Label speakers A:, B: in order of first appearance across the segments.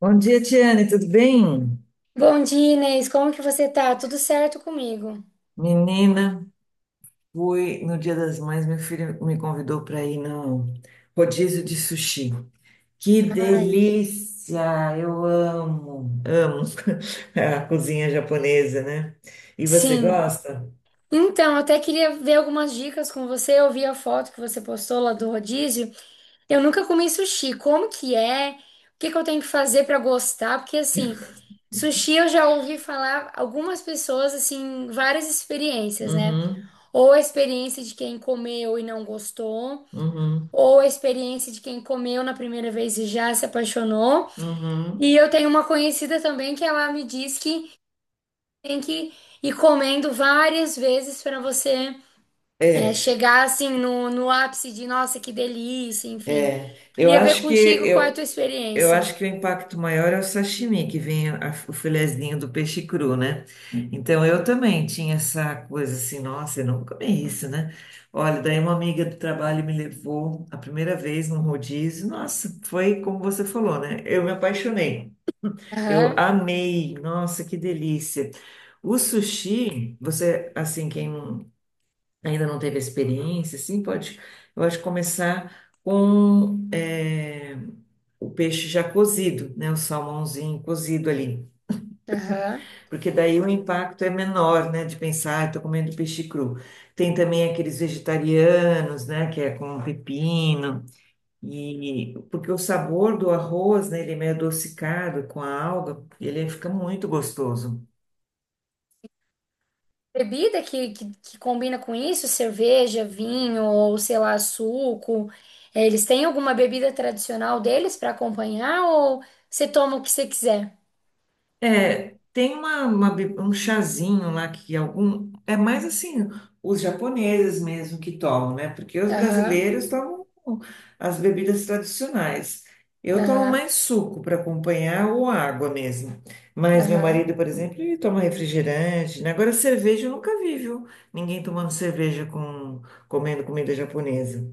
A: Bom dia, Tiane, tudo bem?
B: Bom dia, Inês. Como que você tá? Tudo certo comigo?
A: Menina, fui no Dia das Mães, meu filho me convidou para ir no rodízio de sushi. Que
B: Ai,
A: delícia! Eu amo, amo a cozinha japonesa, né? E você
B: sim.
A: gosta?
B: Então, eu até queria ver algumas dicas com você. Eu vi a foto que você postou lá do rodízio. Eu nunca comi sushi. Como que é? O que que eu tenho que fazer pra gostar? Porque assim, sushi eu já ouvi falar algumas pessoas assim, várias experiências, né?
A: Uhum,
B: Ou a experiência de quem comeu e não gostou,
A: uhum,
B: ou a experiência de quem comeu na primeira vez e já se apaixonou.
A: uhum.
B: E eu tenho uma conhecida também que ela me diz que tem que ir comendo várias vezes para você
A: É,
B: chegar assim no ápice de nossa, que delícia, enfim.
A: é.
B: Queria ver contigo qual é a tua
A: Eu
B: experiência.
A: acho que o impacto maior é o sashimi, que vem o filezinho do peixe cru, né? Então eu também tinha essa coisa assim, nossa, eu não comi isso, né? Olha, daí uma amiga do trabalho me levou a primeira vez num rodízio, nossa, foi como você falou, né? Eu me apaixonei, eu
B: Aham,
A: amei, nossa, que delícia. O sushi, você, assim, quem ainda não teve experiência, assim, pode, eu acho, começar com o peixe já cozido, né, o salmãozinho cozido ali,
B: aham.
A: porque daí o impacto é menor, né, de pensar, estou comendo peixe cru. Tem também aqueles vegetarianos, né, que é com pepino, e porque o sabor do arroz, né, ele é meio adocicado com a alga, ele fica muito gostoso.
B: Bebida que combina com isso, cerveja, vinho ou sei lá, suco. É, eles têm alguma bebida tradicional deles para acompanhar ou você toma o que você quiser?
A: É, tem uma um chazinho lá que algum. É mais assim, os japoneses mesmo que tomam, né? Porque os
B: Aham,
A: brasileiros tomam as bebidas tradicionais. Eu tomo
B: aham,
A: mais suco para acompanhar ou água mesmo. Mas meu
B: aham.
A: marido, por exemplo, ele toma refrigerante, né? Agora, cerveja eu nunca vi, viu? Ninguém tomando cerveja com, comendo comida japonesa.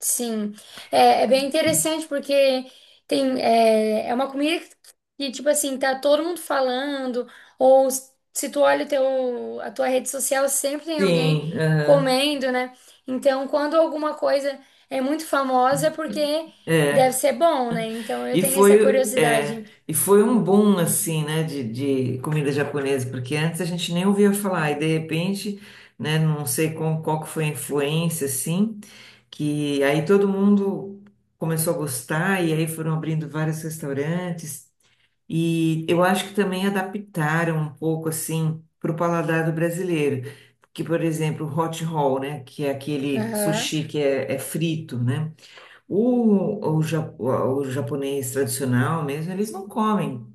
B: Sim, é, é bem interessante porque tem é uma comida que, tipo assim, tá todo mundo falando, ou se tu olha o teu, a tua rede social, sempre tem alguém
A: Sim, aham.
B: comendo, né? Então, quando alguma coisa é muito famosa, é porque deve ser bom, né? Então, eu
A: E
B: tenho essa
A: foi, é,
B: curiosidade.
A: e foi um boom, assim, né, de comida japonesa, porque antes a gente nem ouvia falar, e de repente, né, não sei qual, qual que foi a influência, assim, que aí todo mundo começou a gostar, e aí foram abrindo vários restaurantes, e eu acho que também adaptaram um pouco, assim, para o paladar do brasileiro, que, por exemplo, o hot roll, né, que é aquele
B: Aham.
A: sushi que é frito, né, o japonês tradicional mesmo, eles não comem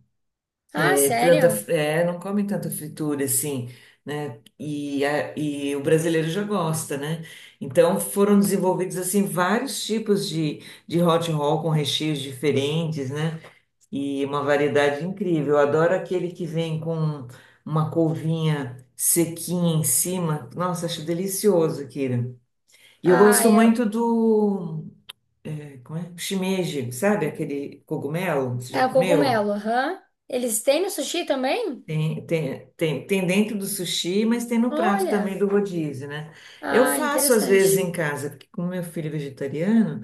B: Ah,
A: tanta,
B: sério?
A: é, não comem tanta fritura assim, né? E, e o brasileiro já gosta, né? Então foram desenvolvidos assim vários tipos de hot roll com recheios diferentes, né? E uma variedade incrível. Eu adoro aquele que vem com uma couvinha sequinha em cima. Nossa, acho delicioso, Kira. E eu
B: Ah,
A: gosto muito
B: eu...
A: do como é? Shimeji, sabe aquele cogumelo? Você já
B: é o
A: comeu?
B: cogumelo, aham. Eles têm no sushi também?
A: Tem, tem, tem, tem dentro do sushi, mas tem no prato também
B: Olha.
A: do rodízio, né? Eu
B: Ah,
A: faço às vezes em
B: interessante.
A: casa, porque como meu filho é vegetariano,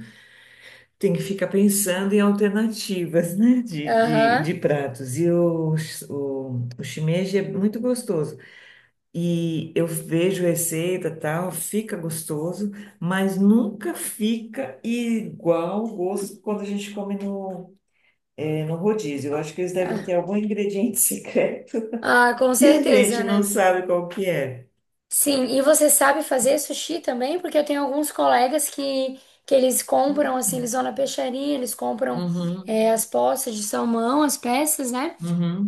A: tem que ficar pensando em alternativas, né?
B: Aham.
A: De pratos. O shimeji é muito gostoso. E eu vejo receita tal, fica gostoso, mas nunca fica igual o gosto quando a gente come no no rodízio. Eu acho que eles devem ter algum ingrediente secreto
B: Ah, com
A: que a gente
B: certeza,
A: não
B: né?
A: sabe qual que é.
B: Sim, e você sabe fazer sushi também? Porque eu tenho alguns colegas que eles compram, assim, eles vão na peixaria, eles compram
A: Uhum,
B: as poças de salmão, as peças, né?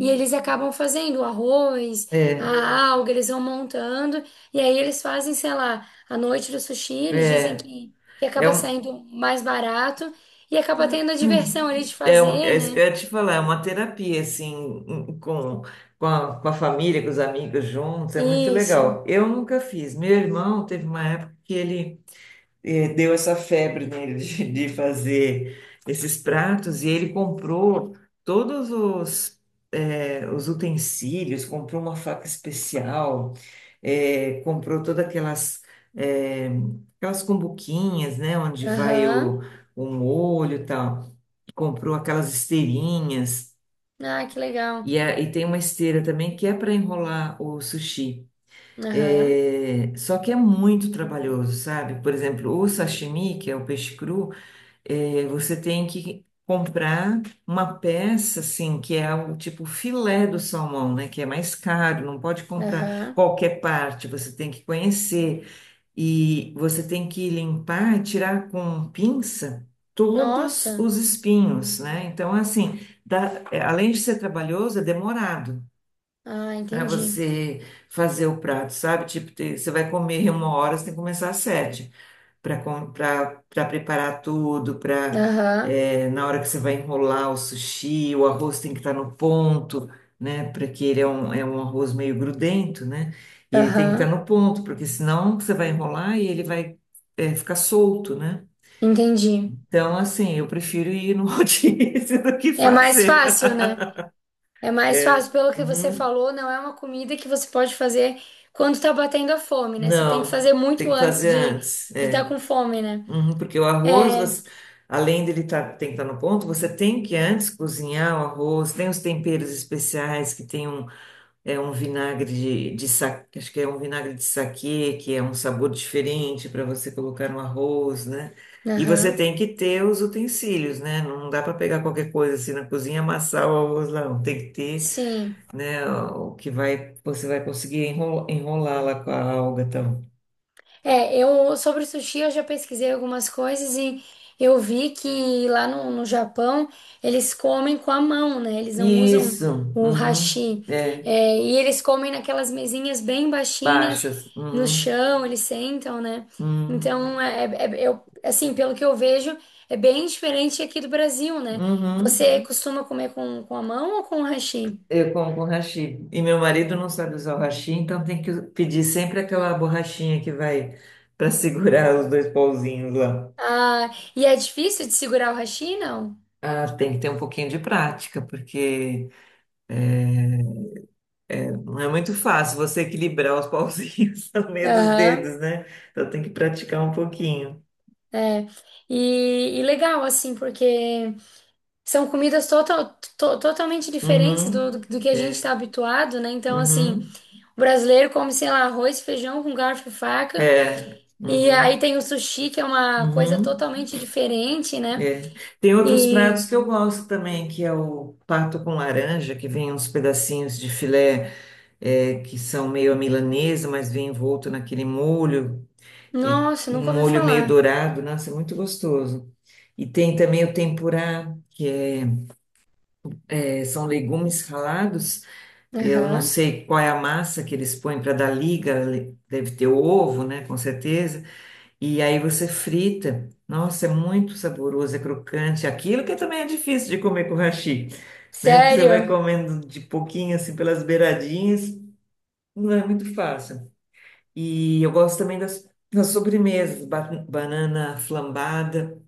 B: E eles acabam fazendo o arroz,
A: É,
B: a alga, eles vão montando, e aí eles fazem, sei lá, a noite do sushi, eles dizem
A: é,
B: que
A: é,
B: acaba
A: um,
B: saindo mais barato e acaba tendo a diversão ali de fazer,
A: é isso que
B: né?
A: eu ia te falar, é uma terapia, assim, com, com a família, com os amigos juntos, é muito
B: Isso.
A: legal. Eu nunca fiz. Meu irmão teve uma época que ele deu essa febre nele de fazer esses pratos e ele comprou todos os, os utensílios, comprou uma faca especial, comprou todas aquelas, eh, aquelas cumbuquinhas, né, onde vai
B: Aham.
A: o molho e tal, comprou aquelas esteirinhas.
B: Ah, que legal.
A: E, e tem uma esteira também que é para enrolar o sushi.
B: Aham.
A: É, só que é muito trabalhoso, sabe? Por exemplo, o sashimi, que é o peixe cru, é, você tem que comprar uma peça, assim, que é o tipo filé do salmão, né? Que é mais caro, não pode comprar
B: Aham.
A: qualquer parte, você tem que conhecer. E você tem que limpar, tirar com pinça todos
B: Nossa.
A: os espinhos, né? Então, assim, é, além de ser trabalhoso, é demorado.
B: Ah,
A: Para
B: entendi.
A: você fazer o prato, sabe? Tipo, você vai comer uma hora, você tem que começar às sete para preparar tudo, para
B: Aham.
A: na hora que você vai enrolar o sushi, o arroz tem que estar no ponto, né? Porque ele é um arroz meio grudento, né? E ele tem que estar
B: Aham.
A: no ponto, porque senão você vai enrolar e ele vai ficar solto, né?
B: Entendi.
A: Então, assim, eu prefiro ir no rodízio do que
B: É mais
A: fazer.
B: fácil, né? É mais
A: É.
B: fácil, pelo que você
A: Uhum.
B: falou, não é uma comida que você pode fazer quando tá batendo a fome, né? Você tem que
A: Não,
B: fazer muito
A: tem que
B: antes
A: fazer
B: de
A: antes.
B: estar
A: É
B: com fome, né?
A: Uhum, porque o arroz,
B: É.
A: além dele tá, tem que estar no ponto, você tem que antes cozinhar o arroz, tem os temperos especiais que tem um, é um vinagre de acho que é um vinagre de saquê, que é um sabor diferente para você colocar no arroz, né? E você
B: Aham.
A: tem que ter os utensílios, né? Não dá para pegar qualquer coisa assim na cozinha e amassar o arroz lá, não. Tem que ter,
B: Sim.
A: né, o que vai, você vai conseguir enrolar lá com a alga, então.
B: É, eu sobre o sushi eu já pesquisei algumas coisas e eu vi que lá no Japão eles comem com a mão, né? Eles não usam
A: Isso.
B: o
A: Uhum.
B: hashi.
A: É.
B: É, e eles comem naquelas mesinhas bem baixinhas
A: baixas.
B: no
A: Uhum,
B: chão, eles sentam, né?
A: uhum,
B: Então, eu, assim, pelo que eu vejo, é bem diferente aqui do Brasil, né?
A: uhum.
B: Você, uhum, costuma comer com a mão ou com o hashi?
A: Eu como com hashi. E meu marido não sabe usar o hashi, então tem que pedir sempre aquela borrachinha que vai para segurar os dois pauzinhos lá.
B: Ah, e é difícil de segurar o hashi, não?
A: Ah, tem que ter um pouquinho de prática, porque é, não é muito fácil você equilibrar os pauzinhos no meio dos
B: Aham.
A: dedos, né? Então tem que praticar um pouquinho.
B: É, e legal, assim, porque são comidas totalmente diferentes
A: Uhum,
B: do que a gente
A: é,
B: está habituado, né? Então, assim,
A: uhum.
B: o brasileiro come, sei lá, arroz, feijão com garfo e faca,
A: É,
B: e
A: uhum,
B: aí tem o sushi, que é uma coisa
A: uhum.
B: totalmente diferente, né?
A: É. Tem outros pratos
B: E,
A: que eu gosto também, que é o pato com laranja, que vem uns pedacinhos de filé, é, que são meio à milanesa, mas vem envolto naquele molho, e
B: nossa, nunca
A: um
B: ouvi
A: molho meio
B: falar.
A: dourado, nossa, é muito gostoso. E tem também o tempurá, que é, é, são legumes ralados, eu não
B: Aham.
A: sei qual é a massa que eles põem para dar liga, deve ter ovo, né, com certeza, e aí você frita. Nossa, é muito saboroso, é crocante. Aquilo que também é difícil de comer com hashi, né? Porque você vai
B: Sério?
A: comendo de pouquinho, assim, pelas beiradinhas. Não é muito fácil. E eu gosto também das sobremesas. Banana flambada.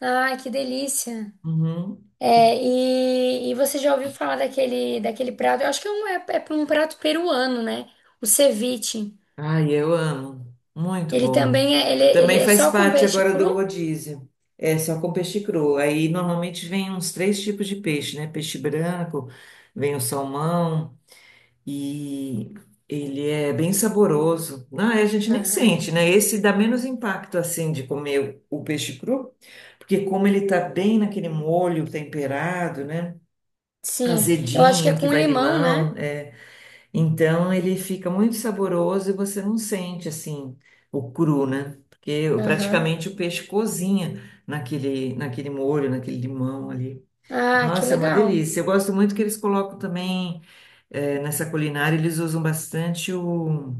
B: Ai, que delícia.
A: Uhum.
B: É,
A: E-
B: e você já ouviu falar daquele prato? Eu acho que é é um prato peruano, né? O ceviche.
A: Ai, eu amo. Muito
B: Ele
A: bom.
B: também é, ele
A: Também
B: é
A: faz
B: só com
A: parte
B: peixe
A: agora
B: cru?
A: do rodízio. É só com peixe cru. Aí normalmente vem uns três tipos de peixe, né? Peixe branco, vem o salmão. E ele é bem saboroso. Ah, a gente nem
B: Aham.
A: sente, né? Esse dá menos impacto assim de comer o peixe cru, porque como ele tá bem naquele molho temperado, né?
B: Sim, eu acho que é
A: Azedinho, que
B: com
A: vai
B: limão, né?
A: limão, é, então ele fica muito saboroso e você não sente assim o cru, né? Porque
B: Aham.
A: praticamente o peixe cozinha naquele, naquele molho, naquele limão ali.
B: Ah, que
A: Nossa, é uma
B: legal.
A: delícia. Eu gosto muito que eles colocam também é, nessa culinária eles usam bastante o.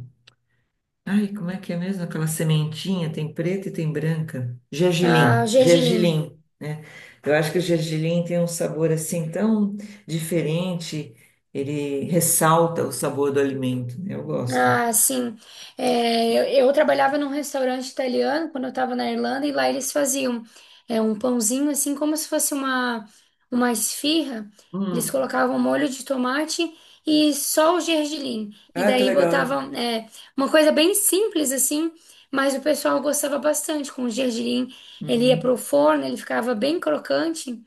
A: Ai, como é que é mesmo? Aquela sementinha, tem preta e tem branca.
B: Ah,
A: Gergelim,
B: gergelim.
A: gergelim, né? Eu acho que o gergelim tem um sabor assim tão diferente, ele ressalta o sabor do alimento, né? Eu gosto.
B: Ah, sim. É, eu trabalhava num restaurante italiano quando eu estava na Irlanda e lá eles faziam um pãozinho assim como se fosse uma esfirra. Eles
A: Hum.
B: colocavam molho de tomate e só o gergelim. E
A: Ah, que
B: daí
A: legal.
B: botavam uma coisa bem simples assim, mas o pessoal gostava bastante com o gergelim. Ele ia
A: Uhum.
B: pro forno, ele ficava bem crocante.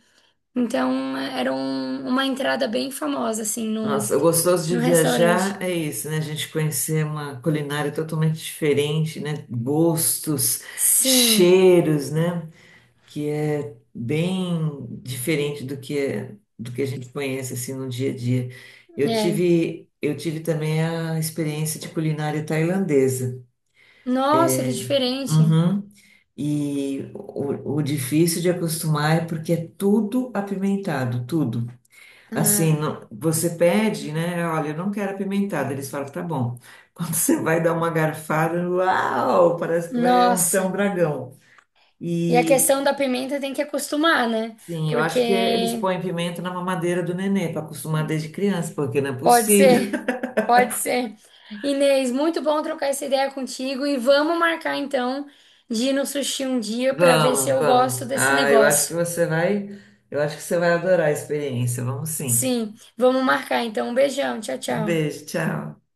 B: Então era uma entrada bem famosa assim
A: Nossa, o gostoso de
B: no restaurante.
A: viajar é isso, né? A gente conhecer uma culinária totalmente diferente, né? Gostos,
B: Sim.
A: cheiros, né? que é bem diferente do que do que a gente conhece assim no dia a dia.
B: é
A: Eu tive também a experiência de culinária tailandesa.
B: Nossa, que diferente.
A: Uhum. O difícil de acostumar é porque é tudo apimentado, tudo. Assim,
B: Ah,
A: você pede, né? Olha, eu não quero apimentado. Eles falam, tá bom. Quando você vai dar uma garfada, uau, parece que vai ser um
B: nossa.
A: dragão.
B: E a
A: E,
B: questão da pimenta tem que acostumar, né?
A: Sim, eu
B: Porque
A: acho que eles põem pimenta na mamadeira do nenê para acostumar desde criança, porque não é
B: pode
A: possível.
B: ser, pode ser. Inês, muito bom trocar essa ideia contigo e vamos marcar então de ir no sushi um dia para ver se
A: Vamos,
B: eu gosto
A: vamos.
B: desse
A: Ah, eu acho que
B: negócio.
A: você vai, eu acho que você vai adorar a experiência. Vamos sim.
B: Sim, vamos marcar então. Um beijão, tchau,
A: Um
B: tchau.
A: beijo, tchau.